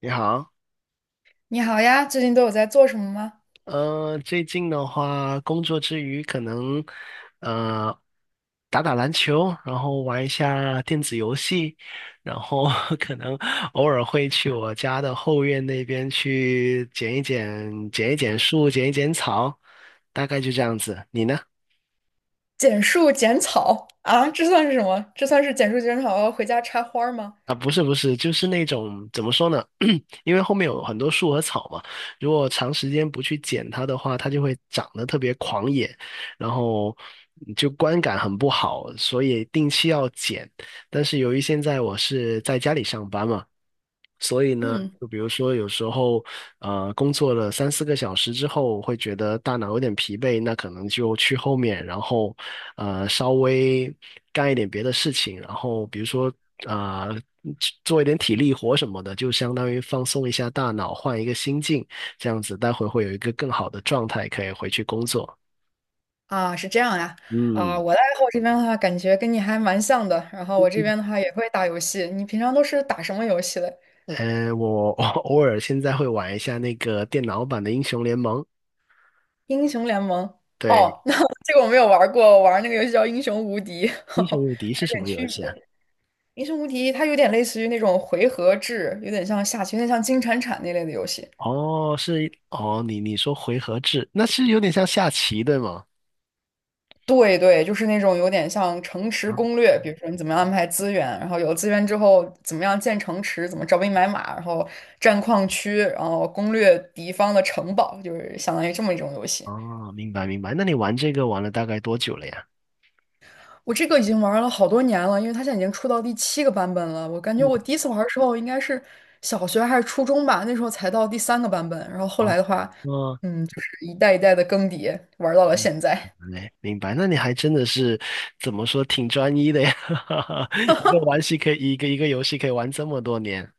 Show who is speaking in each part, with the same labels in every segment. Speaker 1: 你好，
Speaker 2: 你好呀，最近都有在做什么吗？
Speaker 1: 最近的话，工作之余可能呃打打篮球，然后玩一下电子游戏，然后 可能偶尔会去我家的后院那边去剪一剪、剪一剪树、剪一剪草，大概就这样子。你呢？
Speaker 2: 剪树剪草啊，这算是什么？这算是剪树剪草，回家插花儿吗？
Speaker 1: 啊，不是，就是那种怎么说呢？因为后面有很多树和草嘛，如果长时间不去剪它的话，它就会长得特别狂野，然后就观感很不好，所以定期要剪。但是由于现在我是在家里上班嘛，所以呢，
Speaker 2: 嗯，
Speaker 1: 就比如说有时候，工作了三四个小时之后，会觉得大脑有点疲惫，那可能就去后面，然后稍微干一点别的事情，然后比如说呃做一点体力活什么的，就相当于放松一下大脑，换一个心境，这样子待会会有一个更好的状态，可以回去工作。
Speaker 2: 啊，是这样呀。啊，
Speaker 1: 嗯。
Speaker 2: 我的爱好这边的话，感觉跟你还蛮像的。然后我这边的话也会打游戏。你平常都是打什么游戏的？
Speaker 1: 呃，我 我偶尔现在会玩一下那个电脑版的英雄联盟。
Speaker 2: 英雄联盟。
Speaker 1: 对。
Speaker 2: 哦，那这个我没有玩过，我玩那个游戏叫《英雄无敌》，
Speaker 1: 英雄无敌
Speaker 2: 还
Speaker 1: 是
Speaker 2: 有
Speaker 1: 什
Speaker 2: 点
Speaker 1: 么游
Speaker 2: 区
Speaker 1: 戏啊？
Speaker 2: 别。《英雄无敌》它有点类似于那种回合制，有点像下棋，有点像金铲铲那类的游戏。
Speaker 1: 哦，是。哦，你说回合制，那是有点像下棋对吗？
Speaker 2: 对对，就是那种有点像城池
Speaker 1: 啊。
Speaker 2: 攻略，比如说你怎么样安排资源，然后有资源之后怎么样建城池，怎么招兵买马，然后占矿区，然后攻略敌方的城堡，就是相当于这么一种游戏。
Speaker 1: 哦，明白明白。那你玩这个玩了大概多久了呀？
Speaker 2: 我这个已经玩了好多年了，因为它现在已经出到第七个版本了。我感觉
Speaker 1: 嗯。
Speaker 2: 我第一次玩的时候应该是小学还是初中吧，那时候才到第三个版本。然后后来
Speaker 1: 哦。
Speaker 2: 的话，
Speaker 1: 哦。
Speaker 2: 嗯，就是一代一代的更迭，玩到了
Speaker 1: 嗯
Speaker 2: 现在。
Speaker 1: 嘞，明白。那你还真的是怎么说，挺专一的呀，一个玩戏可以，一个游戏可以玩这么多年。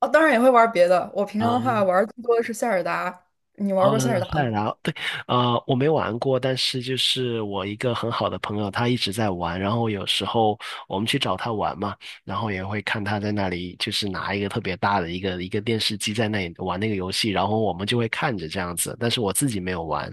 Speaker 2: 哦，当然也会玩别的。我平常的
Speaker 1: 啊。
Speaker 2: 话玩更多的是塞尔达。你玩过塞尔达
Speaker 1: 赛
Speaker 2: 吗？
Speaker 1: 尔达，对。我没玩过，但是就是我一个很好的朋友，他一直在玩，然后有时候我们去找他玩嘛，然后也会看他在那里，就是拿一个特别大的一个电视机在那里玩那个游戏，然后我们就会看着这样子，但是我自己没有玩。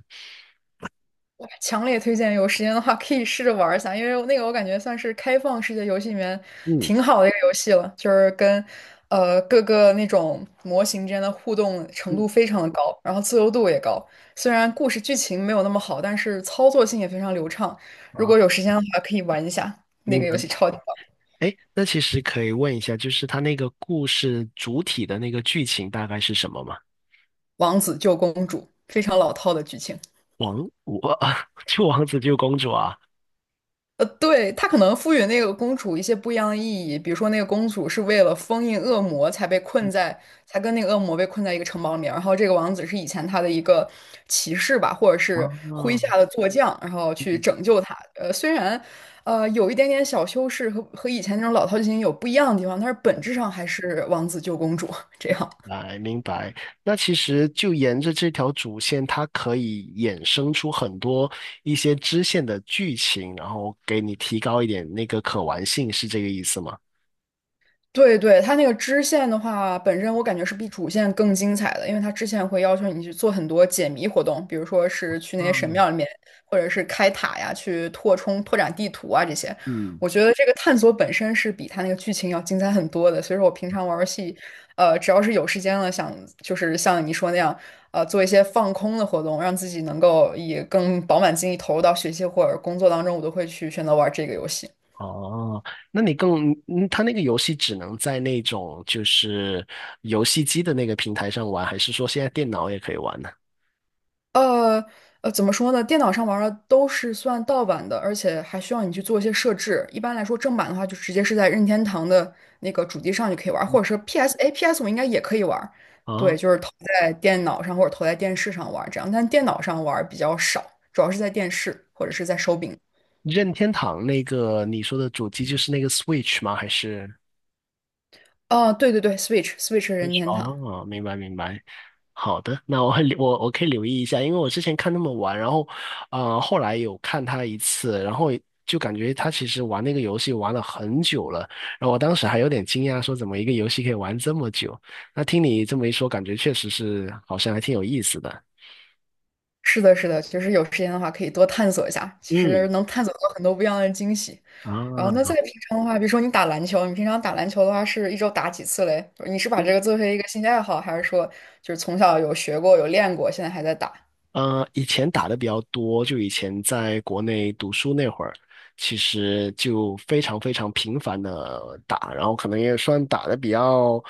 Speaker 2: 强烈推荐，有时间的话可以试着玩一下，因为那个我感觉算是开放世界游戏里面
Speaker 1: 嗯
Speaker 2: 挺好的一个游戏了，就是跟各个那种模型之间的互动程
Speaker 1: 嗯，
Speaker 2: 度非常的高，然后自由度也高。虽然故事剧情没有那么好，但是操作性也非常流畅。如
Speaker 1: 啊，
Speaker 2: 果有时间的话，可以玩一下那
Speaker 1: 明
Speaker 2: 个游
Speaker 1: 白。
Speaker 2: 戏，超级棒，
Speaker 1: 哎，那其实可以问一下，就是他那个故事主体的那个剧情大概是什么吗？
Speaker 2: 《王子救公主》，非常老套的剧情。
Speaker 1: 王，我 救王子救公主啊？
Speaker 2: 呃，对，他可能赋予那个公主一些不一样的意义，比如说那个公主是为了封印恶魔才被困在，才跟那个恶魔被困在一个城堡里面，然后这个王子是以前他的一个骑士吧，或者是麾
Speaker 1: 啊，
Speaker 2: 下的坐将，然后去拯救他。呃，虽然有一点点小修饰和以前那种老套剧情有不一样的地方，但是本质上还是王子救公主 这样。
Speaker 1: 来，明白。那其实就沿着这条主线，它可以衍生出很多一些支线的剧情，然后给你提高一点那个可玩性，是这个意思吗？
Speaker 2: 对对，它那个支线的话，本身我感觉是比主线更精彩的，因为它支线会要求你去做很多解谜活动，比如说是去那些神
Speaker 1: 嗯
Speaker 2: 庙里面，或者是开塔呀，去拓充、拓展地图啊这些。
Speaker 1: 嗯。
Speaker 2: 我觉得这个探索本身是比它那个剧情要精彩很多的，所以说我平常玩游戏，呃，只要是有时间了，想就是像你说那样，呃，做一些放空的活动，让自己能够以更饱满精力投入到学习或者工作当中，我都会去选择玩这个游戏。
Speaker 1: 哦，那你更，嗯，它那个游戏只能在那种就是游戏机的那个平台上玩，还是说现在电脑也可以玩呢？
Speaker 2: 呃呃，怎么说呢？电脑上玩儿的都是算盗版的，而且还需要你去做一些设置。一般来说，正版的话就直接是在任天堂的那个主机上就可以玩儿或者是 PS，哎，PS 我应该也可以玩儿对，
Speaker 1: 啊，
Speaker 2: 就是投在电脑上或者投在电视上玩儿这样，但电脑上玩儿比较少，主要是在电视或者是在手柄。
Speaker 1: 任天堂那个你说的主机就是那个 Switch 吗？还是？
Speaker 2: 哦，对对对，Switch，Switch 任天堂。
Speaker 1: 哦，明白明白。好的，那我会留我可以留意一下，因为我之前看他们玩，然后后来有看他一次，然后就感觉他其实玩那个游戏玩了很久了，然后我当时还有点惊讶，说怎么一个游戏可以玩这么久？那听你这么一说，感觉确实是好像还挺有意思的。
Speaker 2: 是的，是的，其实有时间的话可以多探索一下，其实
Speaker 1: 嗯，
Speaker 2: 能探索到很多不一样的惊喜。
Speaker 1: 啊。
Speaker 2: 然后那在平常的话，比如说你打篮球，你平常打篮球的话是一周打几次嘞？你是把这个作为一个兴趣爱好，还是说就是从小有学过、有练过，现在还在打？
Speaker 1: 以前打的比较多，就以前在国内读书那会儿，其实就非常非常频繁的打，然后可能也算打的比较，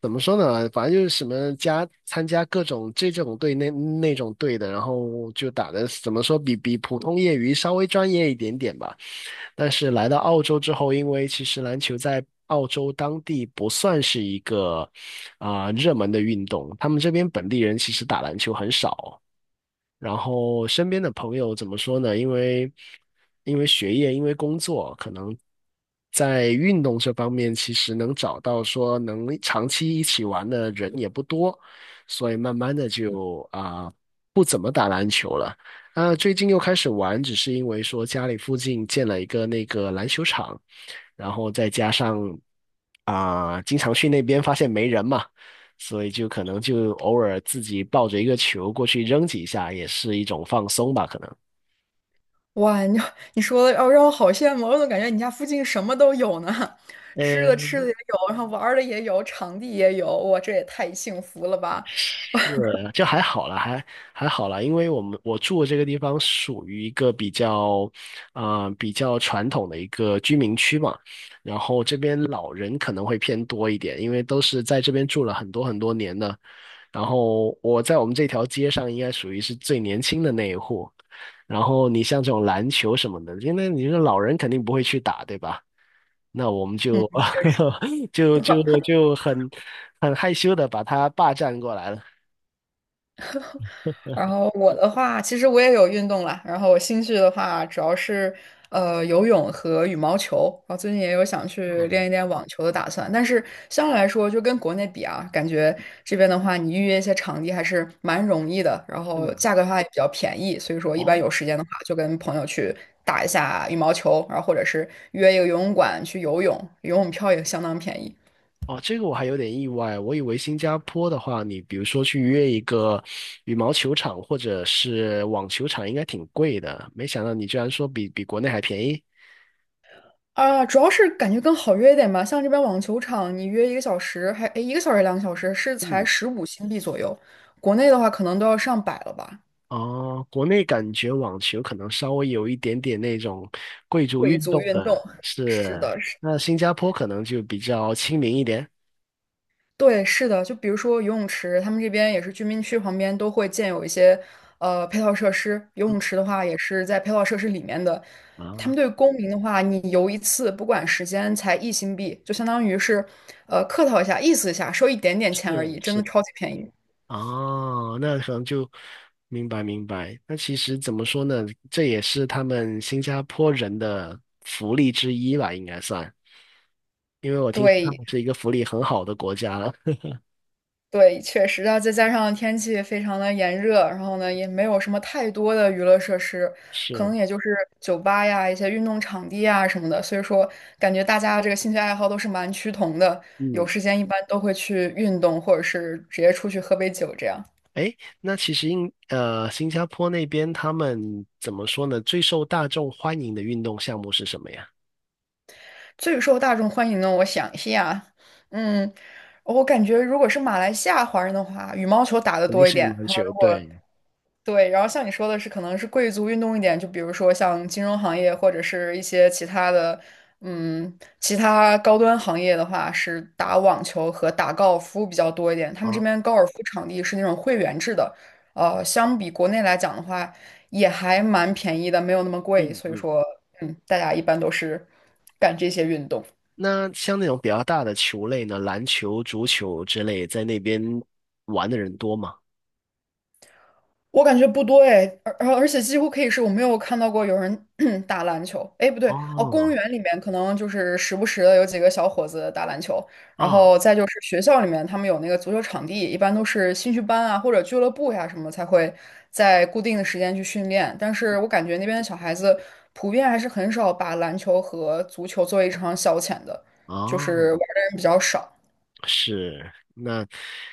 Speaker 1: 怎么说呢？反正就是什么参加各种这种队那种队的，然后就打的怎么说比普通业余稍微专业一点点吧。但是来到澳洲之后，因为其实篮球在澳洲当地不算是一个啊、热门的运动，他们这边本地人其实打篮球很少。然后身边的朋友怎么说呢？因为学业，因为工作，可能在运动这方面，其实能找到说能长期一起玩的人也不多，所以慢慢的就啊，最近又开始玩，只是因为说家里附近建了一个那个篮球场，然后再加上啊，经常去那边发现没人嘛。所以就可能就偶尔自己抱着一个球过去扔几下，也是一种放松吧，可能。
Speaker 2: 哇，你 你说的哦，让我好羡慕，我怎么感觉你家附近什么都有呢？吃
Speaker 1: 呃，
Speaker 2: 的吃的也有，然后玩儿的也有，场地也有，哇，这也太幸福了吧！
Speaker 1: 就还好啦，还好啦，因为我住的这个地方属于一个比较，啊、比较传统的一个居民区嘛，然后这边老人可能会偏多一点，因为都是在这边住了很多很多年的，然后我在我们这条街上应该属于是最年轻的那一户，然后你像这种篮球什么的，因为你说老人肯定不会去打，对吧？那我们
Speaker 2: 嗯，
Speaker 1: 就
Speaker 2: 确实。
Speaker 1: 就很很害羞的把他霸占过来了。
Speaker 2: 然后我的话，其实我也有运动啦。然后我兴趣的话，主要是游泳和羽毛球。然后最近也有想去练一练网球的打算。但是相对来说，就跟国内比啊，感觉这边的话，你预约一些场地还是蛮容易的，然
Speaker 1: 是
Speaker 2: 后
Speaker 1: 吗？
Speaker 2: 价格的话也比较便宜。所以说，一般
Speaker 1: 哦。
Speaker 2: 有时间的话，就跟朋友去打一下羽毛球，然后或者是约一个游泳馆去游泳，游泳票也相当便宜。
Speaker 1: 哦，这个我还有点意外，我以为新加坡的话，你比如说去约一个羽毛球场或者是网球场，应该挺贵的，没想到你居然说比国内还便宜。
Speaker 2: 啊，主要是感觉更好约一点吧。像这边网球场，你约一个小时，还，诶，一个小时两个小时是才
Speaker 1: 嗯，
Speaker 2: 15新币左右。国内的话，可能都要上百了吧。
Speaker 1: 哦，国内感觉网球可能稍微有一点点那种贵族
Speaker 2: 贵
Speaker 1: 运
Speaker 2: 族
Speaker 1: 动
Speaker 2: 运动，
Speaker 1: 的，
Speaker 2: 是
Speaker 1: 是，
Speaker 2: 的，是，
Speaker 1: 那新加坡可能就比较亲民一点。
Speaker 2: 对，是的。就比如说游泳池，他们这边也是居民区旁边都会建有一些配套设施。游
Speaker 1: 嗯，
Speaker 2: 泳池的话，也是在配套设施里面的。他们
Speaker 1: 啊，
Speaker 2: 对公民的话，你游一次，不管时间，才1新币，就相当于是客套一下，意思一下，收一点点
Speaker 1: 是
Speaker 2: 钱而已，真的
Speaker 1: 是，
Speaker 2: 超级便宜。
Speaker 1: 哦，那可能就明白明白。那其实怎么说呢？这也是他们新加坡人的福利之一吧，应该算。因为我听说他
Speaker 2: 对，
Speaker 1: 们是一个福利很好的国家了。
Speaker 2: 对，确实，那再加上天气非常的炎热，然后呢，也没有什么太多的娱乐设施，可
Speaker 1: 是，
Speaker 2: 能也就是酒吧呀、一些运动场地啊什么的，所以说感觉大家这个兴趣爱好都是蛮趋同的，有
Speaker 1: 嗯，
Speaker 2: 时间一般都会去运动，或者是直接出去喝杯酒这样。
Speaker 1: 哎，那其实新加坡那边他们怎么说呢？最受大众欢迎的运动项目是什么呀？
Speaker 2: 最受大众欢迎呢，我想一下，嗯，我感觉如果是马来西亚华人的话，羽毛球打得
Speaker 1: 肯定
Speaker 2: 多一
Speaker 1: 是羽
Speaker 2: 点，
Speaker 1: 毛球，对。
Speaker 2: 对，然后像你说的是，可能是贵族运动一点，就比如说像金融行业或者是一些其他的，嗯，其他高端行业的话，是打网球和打高尔夫比较多一点。他们这
Speaker 1: 啊，
Speaker 2: 边高尔夫场地是那种会员制的，呃，相比国内来讲的话，也还蛮便宜的，没有那么贵。
Speaker 1: 嗯
Speaker 2: 所以
Speaker 1: 嗯。
Speaker 2: 说，嗯，大家一般都是干这些运动。
Speaker 1: 那像那种比较大的球类呢，篮球、足球之类，在那边玩的人多吗？
Speaker 2: 我感觉不多哎，而且几乎可以是我没有看到过有人 打篮球。哎，不对，哦，公
Speaker 1: 哦，
Speaker 2: 园里面可能就是时不时的有几个小伙子打篮球，然
Speaker 1: 啊，
Speaker 2: 后再就是学校里面他们有那个足球场地，一般都是兴趣班啊或者俱乐部呀、什么才会在固定的时间去训练。但是我感觉那边的小孩子普遍还是很少把篮球和足球作为一场消遣的，就是玩
Speaker 1: 哦，
Speaker 2: 的人比较少。
Speaker 1: 是，那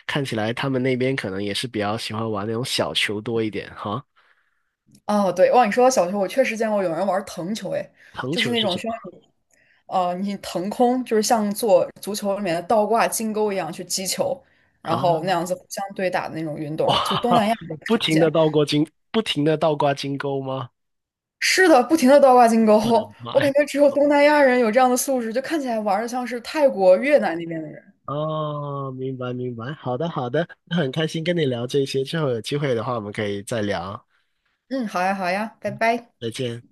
Speaker 1: 看起来他们那边可能也是比较喜欢玩那种小球多一点哈。
Speaker 2: 哦，对，哇，你说到小球，我确实见过有人玩腾球，哎，
Speaker 1: 藤
Speaker 2: 就是
Speaker 1: 球
Speaker 2: 那
Speaker 1: 是
Speaker 2: 种
Speaker 1: 什
Speaker 2: 需要
Speaker 1: 么
Speaker 2: 你呃，你腾空，就是像做足球里面的倒挂金钩一样去击球，然
Speaker 1: 啊？
Speaker 2: 后那样子互相对打的那种运动，就东
Speaker 1: 哇，
Speaker 2: 南亚比较 常见。
Speaker 1: 不停的倒挂金钩吗？
Speaker 2: 是的，不停的倒挂金钩，
Speaker 1: 我的妈
Speaker 2: 我感
Speaker 1: 呀！
Speaker 2: 觉只有东南亚人有这样的素质，就看起来玩的像是泰国、越南那边的人。
Speaker 1: 哦，明白明白，好的好的，那很开心跟你聊这些，之后有机会的话我们可以再聊，
Speaker 2: 嗯，好呀，好呀，拜拜。
Speaker 1: 再见。